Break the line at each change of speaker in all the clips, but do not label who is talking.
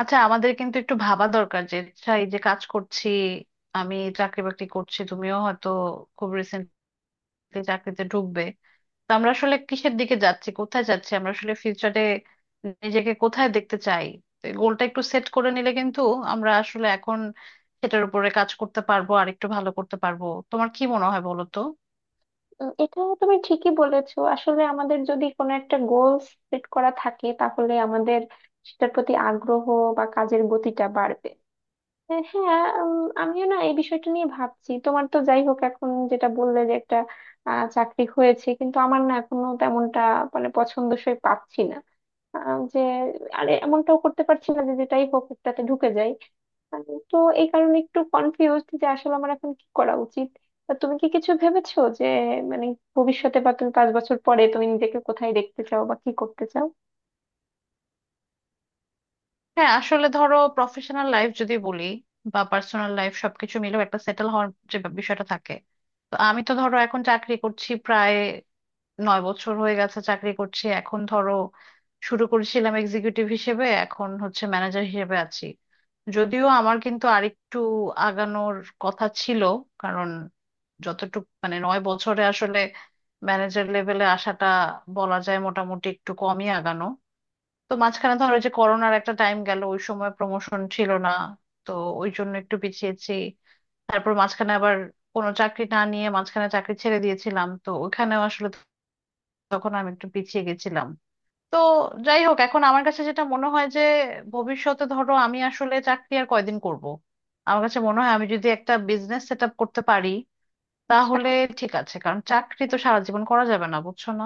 আচ্ছা, আমাদের কিন্তু একটু ভাবা দরকার যে আচ্ছা এই যে কাজ করছি, আমি চাকরি বাকরি করছি, তুমিও হয়তো খুব রিসেন্টলি চাকরিতে ঢুকবে। তো আমরা আসলে কিসের দিকে যাচ্ছি, কোথায় যাচ্ছি, আমরা আসলে ফিউচারে নিজেকে কোথায় দেখতে চাই। তো এই গোলটা একটু সেট করে নিলে কিন্তু আমরা আসলে এখন সেটার উপরে কাজ করতে পারবো, আর একটু ভালো করতে পারবো। তোমার কি মনে হয় বলো তো?
এটা তুমি ঠিকই বলেছো। আসলে আমাদের যদি কোনো একটা গোল সেট করা থাকে, তাহলে আমাদের সেটার প্রতি আগ্রহ বা কাজের গতিটা বাড়বে। হ্যাঁ। আমিও না এই বিষয়টা নিয়ে ভাবছি। তোমার তো যাই হোক এখন যেটা বললে যে একটা চাকরি হয়েছে, কিন্তু আমার না এখনো তেমনটা মানে পছন্দসই পাচ্ছি না। আহ, যে আরে এমনটাও করতে পারছি না যে যেটাই হোক একটাতে ঢুকে যাই। আহ, তো এই কারণে একটু কনফিউজড যে আসলে আমার এখন কি করা উচিত। তা তুমি কি কিছু ভেবেছো যে মানে ভবিষ্যতে বা তুমি পাঁচ বছর পরে তুমি নিজেকে কোথায় দেখতে চাও বা কি করতে চাও?
হ্যাঁ, আসলে ধরো প্রফেশনাল লাইফ যদি বলি বা পার্সোনাল লাইফ, সবকিছু মিলেও একটা সেটেল হওয়ার যে বিষয়টা থাকে। তো আমি তো ধরো এখন চাকরি করছি, প্রায় 9 বছর হয়ে গেছে চাকরি করছি। এখন ধরো শুরু করেছিলাম এক্সিকিউটিভ হিসেবে, এখন হচ্ছে ম্যানেজার হিসেবে আছি। যদিও আমার কিন্তু আরেকটু আগানোর কথা ছিল, কারণ যতটুকু মানে 9 বছরে আসলে ম্যানেজার লেভেলে আসাটা বলা যায় মোটামুটি একটু কমই আগানো। তো মাঝখানে ধরো যে করোনার একটা টাইম গেল, ওই সময় প্রমোশন ছিল না, তো ওই জন্য একটু পিছিয়েছি। তারপর মাঝখানে আবার কোনো চাকরি না নিয়ে মাঝখানে চাকরি ছেড়ে দিয়েছিলাম, তো ওখানেও আসলে তখন আমি একটু পিছিয়ে গেছিলাম। তো যাই হোক, এখন আমার কাছে যেটা মনে হয় যে ভবিষ্যতে, ধরো আমি আসলে চাকরি আর কয়দিন করব, আমার কাছে মনে হয় আমি যদি একটা বিজনেস সেট আপ করতে পারি
আচ্ছা।
তাহলে ঠিক আছে, কারণ চাকরি তো সারা জীবন করা যাবে না, বুঝছো না?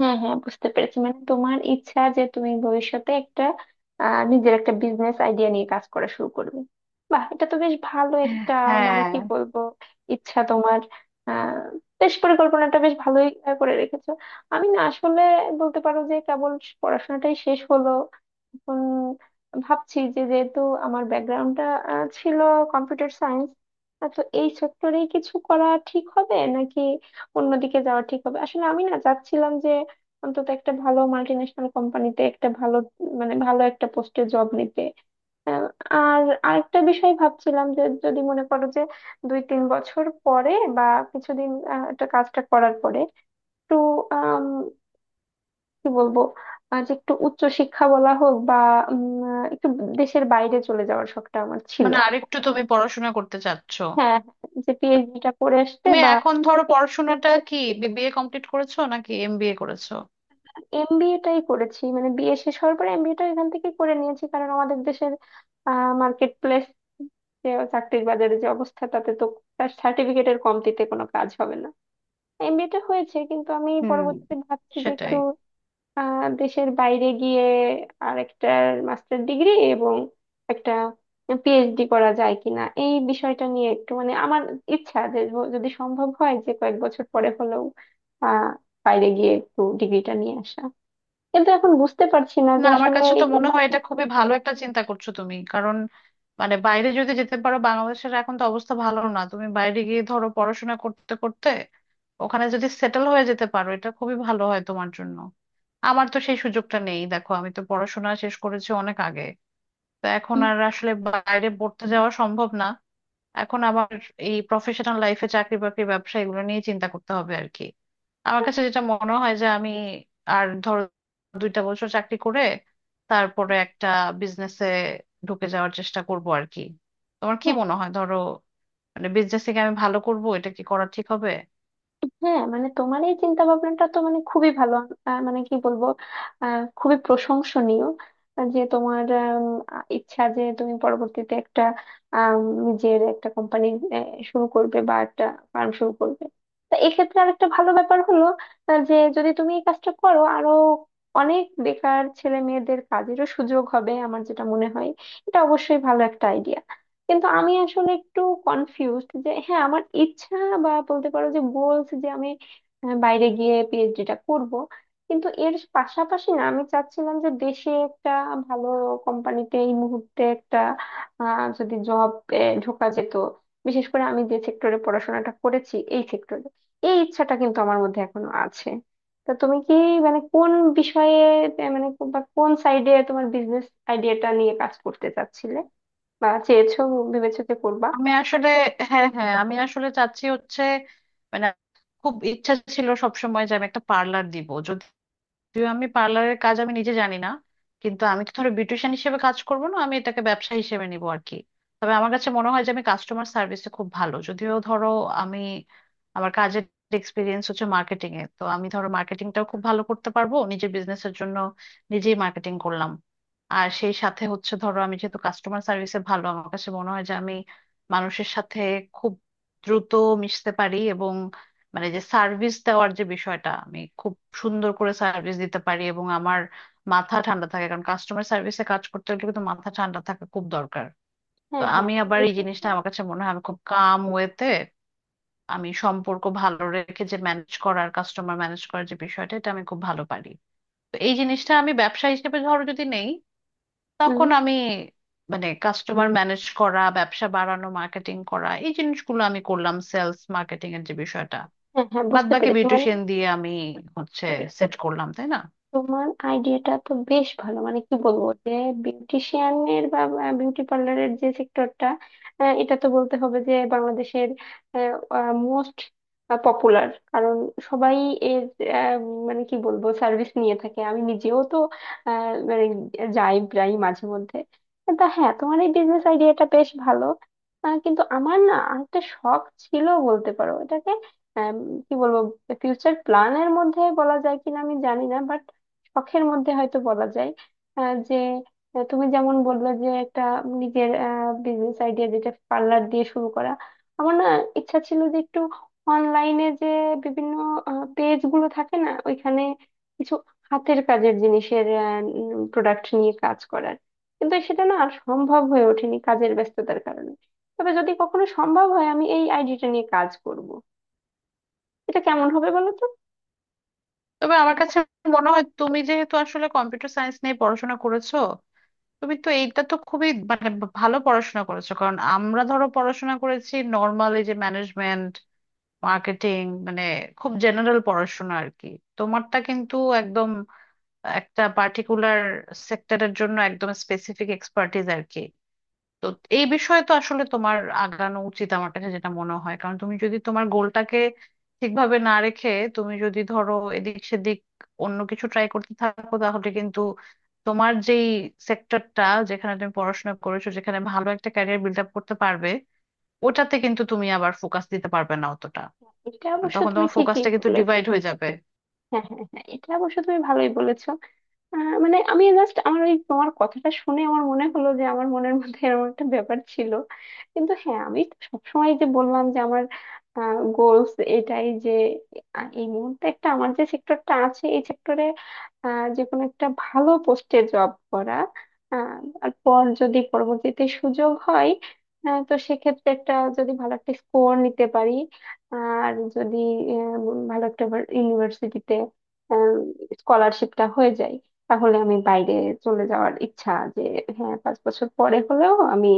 হ্যাঁ হ্যাঁ বুঝতে পেরেছি, মানে তোমার ইচ্ছা যে তুমি ভবিষ্যতে একটা নিজের একটা বিজনেস আইডিয়া নিয়ে কাজ করা শুরু করবে। বাহ, এটা তো বেশ ভালো একটা, মানে
হ্যাঁ,
কি বলবো, ইচ্ছা তোমার। আহ বেশ, পরিকল্পনাটা বেশ ভালোই করে রেখেছো। আমি না আসলে বলতে পারো যে কেবল পড়াশোনাটাই শেষ হলো। এখন ভাবছি যে যেহেতু আমার ব্যাকগ্রাউন্ডটা ছিল কম্পিউটার সায়েন্স, তো এই সেক্টরেই কিছু করা ঠিক হবে নাকি অন্যদিকে যাওয়া ঠিক হবে। আসলে আমি না চাচ্ছিলাম অন্তত একটা ভালো মাল্টি ন্যাশনাল কোম্পানিতে একটা ভালো, মানে ভালো একটা পোস্টে জব নিতে। আহ, আর আরেকটা বিষয় ভাবছিলাম যে যদি মনে করো যে 2-3 বছর পরে বা কিছুদিন একটা কাজটা করার পরে একটু আম, কি বলবো, যে একটু উচ্চ শিক্ষা বলা হোক বা উম, একটু দেশের বাইরে চলে যাওয়ার শখটা আমার ছিল।
মানে আরেকটু তুমি পড়াশোনা করতে চাচ্ছ।
হ্যাঁ, যে পিএইচডিটা করে আসতে
তুমি
বা।
এখন ধরো পড়াশোনাটা কি বিবিএ কমপ্লিট করেছো নাকি এমবিএ করেছো?
এমবিএ টাই করেছি, মানে বিএ শেষ হওয়ার পরে এমবিএ টা এখান থেকে করে নিয়েছি, কারণ আমাদের দেশের মার্কেট প্লেস, যে চাকরির বাজারে যে অবস্থা, তাতে তো তার সার্টিফিকেটের কমতিতে কোনো কাজ হবে না। এমবিএ টা হয়েছে, কিন্তু আমি
হুম,
পরবর্তীতে ভাবছি যে
সেটাই।
একটু দেশের বাইরে গিয়ে আর একটা মাস্টার ডিগ্রি এবং একটা পিএইচডি করা যায় কিনা, এই বিষয়টা নিয়ে একটু, মানে আমার ইচ্ছা যে যদি সম্ভব হয় যে কয়েক বছর পরে হলেও আহ বাইরে গিয়ে একটু ডিগ্রিটা নিয়ে আসা। কিন্তু এখন বুঝতে পারছি না
না,
যে
আমার
আসলে
কাছে
এই
তো মনে হয় এটা খুবই ভালো একটা চিন্তা করছো তুমি, কারণ মানে বাইরে যদি যেতে পারো, বাংলাদেশের এখন তো অবস্থা ভালো না, তুমি বাইরে গিয়ে ধরো পড়াশোনা করতে করতে ওখানে যদি সেটেল হয়ে যেতে পারো, এটা খুবই ভালো হয় তোমার জন্য। আমার তো সেই সুযোগটা নেই, দেখো আমি তো পড়াশোনা শেষ করেছি অনেক আগে, তো এখন
মানে।
আর আসলে বাইরে পড়তে যাওয়া সম্ভব না। এখন আবার এই প্রফেশনাল লাইফে চাকরি বাকরি ব্যবসা এগুলো নিয়ে চিন্তা করতে হবে আর কি। আমার কাছে যেটা মনে হয় যে আমি আর ধরো 2টা বছর চাকরি করে তারপরে একটা বিজনেসে ঢুকে যাওয়ার চেষ্টা করব আর কি। তোমার কি
হ্যাঁ
মনে হয় ধরো, মানে বিজনেস থেকে আমি ভালো করব, এটা কি করা ঠিক হবে?
হ্যাঁ মানে তোমার এই চিন্তা ভাবনাটা তো মানে খুবই ভালো, মানে কি বলবো, খুবই প্রশংসনীয়, যে তোমার ইচ্ছা যে তুমি পরবর্তীতে একটা আম, নিজের একটা কোম্পানি শুরু করবে বা একটা ফার্ম শুরু করবে। তো এক্ষেত্রে আর একটা ভালো ব্যাপার হলো, যে যদি তুমি এই কাজটা করো, আরো অনেক বেকার ছেলে মেয়েদের কাজেরও সুযোগ হবে। আমার যেটা মনে হয়, এটা অবশ্যই ভালো একটা আইডিয়া। কিন্তু আমি আসলে একটু কনফিউজড, যে হ্যাঁ, আমার ইচ্ছা বা বলতে পারো যে গোলস, যে আমি বাইরে গিয়ে পিএইচডিটা করব। কিন্তু এর পাশাপাশি না আমি চাচ্ছিলাম যে দেশে একটা ভালো কোম্পানিতে এই মুহূর্তে একটা যদি জব ঢোকা যেত, বিশেষ করে আমি যে সেক্টরে পড়াশোনাটা করেছি এই সেক্টরে। এই ইচ্ছাটা কিন্তু আমার মধ্যে এখনো আছে। তা তুমি কি, মানে কোন বিষয়ে, মানে বা কোন সাইডে তোমার বিজনেস আইডিয়াটা নিয়ে কাজ করতে চাচ্ছিলে বা চেয়েছো, ভেবেছো যে করবা?
আমি আসলে হ্যাঁ হ্যাঁ, আমি আসলে চাচ্ছি হচ্ছে মানে, খুব ইচ্ছা ছিল সবসময় যে আমি একটা পার্লার দিব। যদিও আমি পার্লারের কাজ আমি নিজে জানি না, কিন্তু আমি তো ধরো বিউটিশিয়ান হিসেবে কাজ করব না, আমি এটাকে ব্যবসা হিসেবে নিব আর কি। তবে আমার কাছে মনে হয় যে আমি কাস্টমার সার্ভিসে খুব ভালো। যদিও ধরো আমি, আমার কাজের এক্সপিরিয়েন্স হচ্ছে মার্কেটিং এ, তো আমি ধরো মার্কেটিংটাও খুব ভালো করতে পারবো নিজের বিজনেসের জন্য, নিজেই মার্কেটিং করলাম। আর সেই সাথে হচ্ছে ধরো আমি যেহেতু কাস্টমার সার্ভিসে ভালো, আমার কাছে মনে হয় যে আমি মানুষের সাথে খুব দ্রুত মিশতে পারি, এবং মানে যে সার্ভিস দেওয়ার যে বিষয়টা, আমি খুব সুন্দর করে সার্ভিস দিতে পারি, এবং আমার মাথা ঠান্ডা থাকে। কারণ কাস্টমার সার্ভিসে কাজ করতে হলে কিন্তু মাথা ঠান্ডা থাকা খুব দরকার। তো
হ্যাঁ হ্যাঁ
আমি
মানে
আবার এই
এটা তো।
জিনিসটা আমার কাছে মনে হয় আমি খুব কাম ওয়েতে, আমি সম্পর্ক ভালো রেখে যে ম্যানেজ করার, কাস্টমার ম্যানেজ করার যে বিষয়টা, এটা আমি খুব ভালো পারি। তো এই জিনিসটা আমি ব্যবসা হিসেবে ধরো যদি নেই,
হম।
তখন আমি মানে কাস্টমার ম্যানেজ করা, ব্যবসা বাড়ানো, মার্কেটিং করা, এই জিনিসগুলো আমি করলাম, সেলস মার্কেটিং এর যে বিষয়টা।
হ্যাঁ হ্যাঁ
বাদ
বুঝতে
বাকি
পেরেছি মানে।
বিউটিশিয়ান দিয়ে আমি হচ্ছে সেট করলাম, তাই না?
তোমার আইডিয়াটা তো বেশ ভালো। মানে কি বলবো যে বিউটিশিয়ানের বা বিউটি পার্লারের যে সেক্টরটা, এটা তো বলতে হবে যে বাংলাদেশের মোস্ট পপুলার। কারণ সবাই এর আহ, মানে কি বলবো সার্ভিস নিয়ে থাকে। আমি নিজেও তো মানে যাই প্রায় মাঝে মধ্যে। তা হ্যাঁ, তোমার এই বিজনেস আইডিয়াটা বেশ ভালো। কিন্তু আমার না আরেকটা শখ ছিল, বলতে পারো এটাকে আম, কি বলবো, ফিউচার প্ল্যানের মধ্যে বলা যায় কিনা আমি জানি না, শখের মধ্যে হয়তো বলা যায়। আহ, যে তুমি যেমন বললে যে একটা নিজের বিজনেস আইডিয়া যেটা পার্লার দিয়ে শুরু করা, আমার না ইচ্ছা ছিল যে একটু অনলাইনে যে বিভিন্ন পেজ গুলো থাকে না, ওইখানে কিছু হাতের কাজের জিনিসের প্রোডাক্ট নিয়ে কাজ করার। কিন্তু সেটা না আর সম্ভব হয়ে ওঠেনি কাজের ব্যস্ততার কারণে। তবে যদি কখনো সম্ভব হয়, আমি এই আইডিটা নিয়ে কাজ করব। এটা কেমন হবে বলো তো?
তবে আমার কাছে মনে হয় তুমি যেহেতু আসলে কম্পিউটার সায়েন্স নিয়ে পড়াশোনা করেছো, তুমি তো এইটা তো খুবই মানে ভালো পড়াশোনা করেছো। কারণ আমরা ধরো পড়াশোনা করেছি নর্মাল, এই যে ম্যানেজমেন্ট মার্কেটিং, মানে খুব জেনারেল পড়াশোনা আর কি। তোমারটা কিন্তু একদম একটা পার্টিকুলার সেক্টরের জন্য একদম স্পেসিফিক এক্সপার্টিস আর কি। তো এই বিষয়ে তো আসলে তোমার আগানো উচিত আমার কাছে যেটা মনে হয়, কারণ তুমি যদি তোমার গোলটাকে ঠিকভাবে না রেখে তুমি যদি ধরো এদিক সেদিক অন্য কিছু ট্রাই করতে থাকো, তাহলে কিন্তু তোমার যেই সেক্টরটা, যেখানে তুমি পড়াশোনা করেছো, যেখানে ভালো একটা ক্যারিয়ার বিল্ড আপ করতে পারবে, ওটাতে কিন্তু তুমি আবার ফোকাস দিতে পারবে না অতটা।
এটা
মানে
অবশ্য
তখন
তুমি
তোমার
ঠিকই
ফোকাসটা কিন্তু
বললে।
ডিভাইড হয়ে যাবে।
হ্যাঁ হ্যাঁ হ্যাঁ, এটা অবশ্য তুমি ভালোই বলেছো। মানে আমি জাস্ট আমার ওই তোমার কথাটা শুনে আমার মনে হলো যে আমার মনের মধ্যে এরকম একটা ব্যাপার ছিল। কিন্তু হ্যাঁ আমি তো সবসময় যে বললাম যে আমার গোলস এটাই যে এই মুহূর্তে একটা আমার যে সেক্টরটা আছে এই সেক্টরে যে কোনো একটা ভালো পোস্টে জব করা। আহ, আর পর যদি পরবর্তীতে সুযোগ হয়, তো সেক্ষেত্রে একটা যদি ভালো একটা স্কোর নিতে পারি, আর যদি ভালো একটা ইউনিভার্সিটিতে স্কলারশিপটা হয়ে যায়, তাহলে আমি বাইরে চলে যাওয়ার ইচ্ছা যে হ্যাঁ, 5 বছর পরে হলেও আমি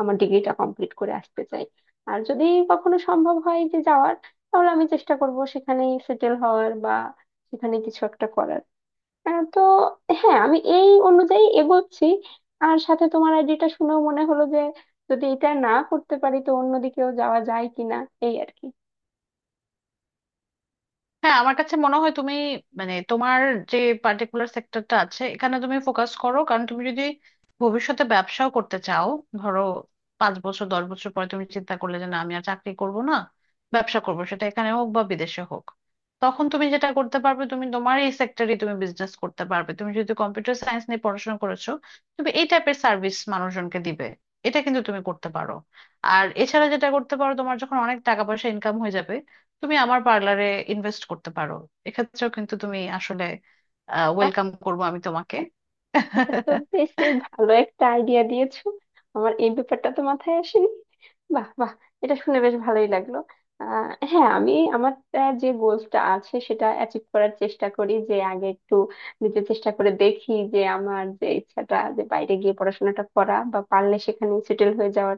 আমার ডিগ্রিটা কমপ্লিট করে আসতে চাই। আর যদি কখনো সম্ভব হয় যে যাওয়ার, তাহলে আমি চেষ্টা করব সেখানেই সেটেল হওয়ার বা সেখানে কিছু একটা করার। আহ, তো হ্যাঁ আমি এই অনুযায়ী এগোচ্ছি। আর সাথে তোমার আইডিটা শুনেও মনে হলো যে যদি এটা না করতে পারি তো অন্যদিকেও যাওয়া যায় কিনা, এই আর কি।
হ্যাঁ, আমার কাছে মনে হয় তুমি মানে তোমার যে পার্টিকুলার সেক্টরটা আছে, এখানে তুমি ফোকাস করো। কারণ তুমি যদি ভবিষ্যতে ব্যবসাও করতে চাও, ধরো 5 বছর 10 বছর পরে তুমি চিন্তা করলে যে না, আমি আর চাকরি করব না, ব্যবসা করব, সেটা এখানে হোক বা বিদেশে হোক, তখন তুমি যেটা করতে পারবে, তুমি তোমার এই সেক্টরে তুমি বিজনেস করতে পারবে। তুমি যদি কম্পিউটার সায়েন্স নিয়ে পড়াশোনা করেছো, তুমি এই টাইপের সার্ভিস মানুষজনকে দিবে, এটা কিন্তু তুমি করতে পারো। আর এছাড়া যেটা করতে পারো, তোমার যখন অনেক টাকা পয়সা ইনকাম হয়ে যাবে, তুমি আমার পার্লারে ইনভেস্ট করতে পারো। এক্ষেত্রেও কিন্তু তুমি আসলে, ওয়েলকাম করবো আমি তোমাকে।
এটা তো বেশ ভালো একটা আইডিয়া দিয়েছো। আমার এই ব্যাপারটা তো মাথায় আসেনি। বাহ বাহ, এটা শুনে বেশ ভালোই লাগলো। হ্যাঁ, আমি আমার যে গোলসটা আছে সেটা অ্যাচিভ করার চেষ্টা করি, যে আগে একটু নিজে চেষ্টা করে দেখি যে আমার যে ইচ্ছাটা যে বাইরে গিয়ে পড়াশোনাটা করা বা পারলে সেখানে সেটেল হয়ে যাওয়ার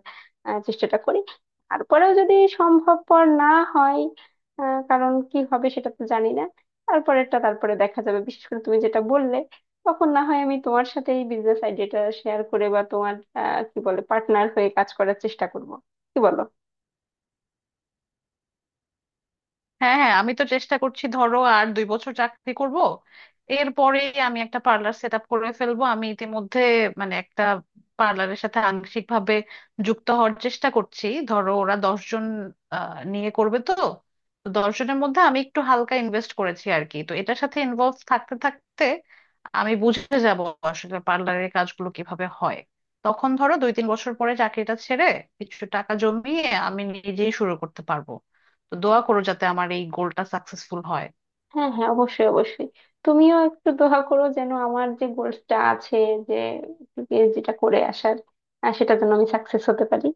চেষ্টাটা করি। তারপরেও যদি সম্ভবপর না হয়, কারণ কি হবে সেটা তো জানি না। তারপরেরটা তারপরে দেখা যাবে, বিশেষ করে তুমি যেটা বললে। তখন না হয় আমি তোমার সাথে এই বিজনেস আইডিয়াটা শেয়ার করে বা তোমার কি বলে পার্টনার হয়ে কাজ করার চেষ্টা করব। কি বলো?
হ্যাঁ হ্যাঁ, আমি তো চেষ্টা করছি ধরো আর 2 বছর চাকরি করব, এরপরে আমি একটা পার্লার সেট আপ করে ফেলবো। আমি ইতিমধ্যে মানে একটা পার্লারের সাথে আংশিক ভাবে যুক্ত হওয়ার চেষ্টা করছি। ধরো ওরা দশজন নিয়ে করবে, তো তো দশজনের মধ্যে আমি একটু হালকা ইনভেস্ট করেছি আর কি। তো এটার সাথে ইনভলভ থাকতে থাকতে আমি বুঝে যাব আসলে পার্লারের কাজগুলো কিভাবে হয়। তখন ধরো 2-3 বছর পরে চাকরিটা ছেড়ে, কিছু টাকা জমিয়ে আমি নিজেই শুরু করতে পারবো। তো দোয়া করো যাতে আমার এই গোলটা সাকসেসফুল হয়।
হ্যাঁ হ্যাঁ অবশ্যই অবশ্যই। তুমিও একটু দোয়া করো যেন আমার যে গোলসটা আছে, যে পিএইচডিটা করে আসার, সেটা যেন আমি সাকসেস হতে পারি।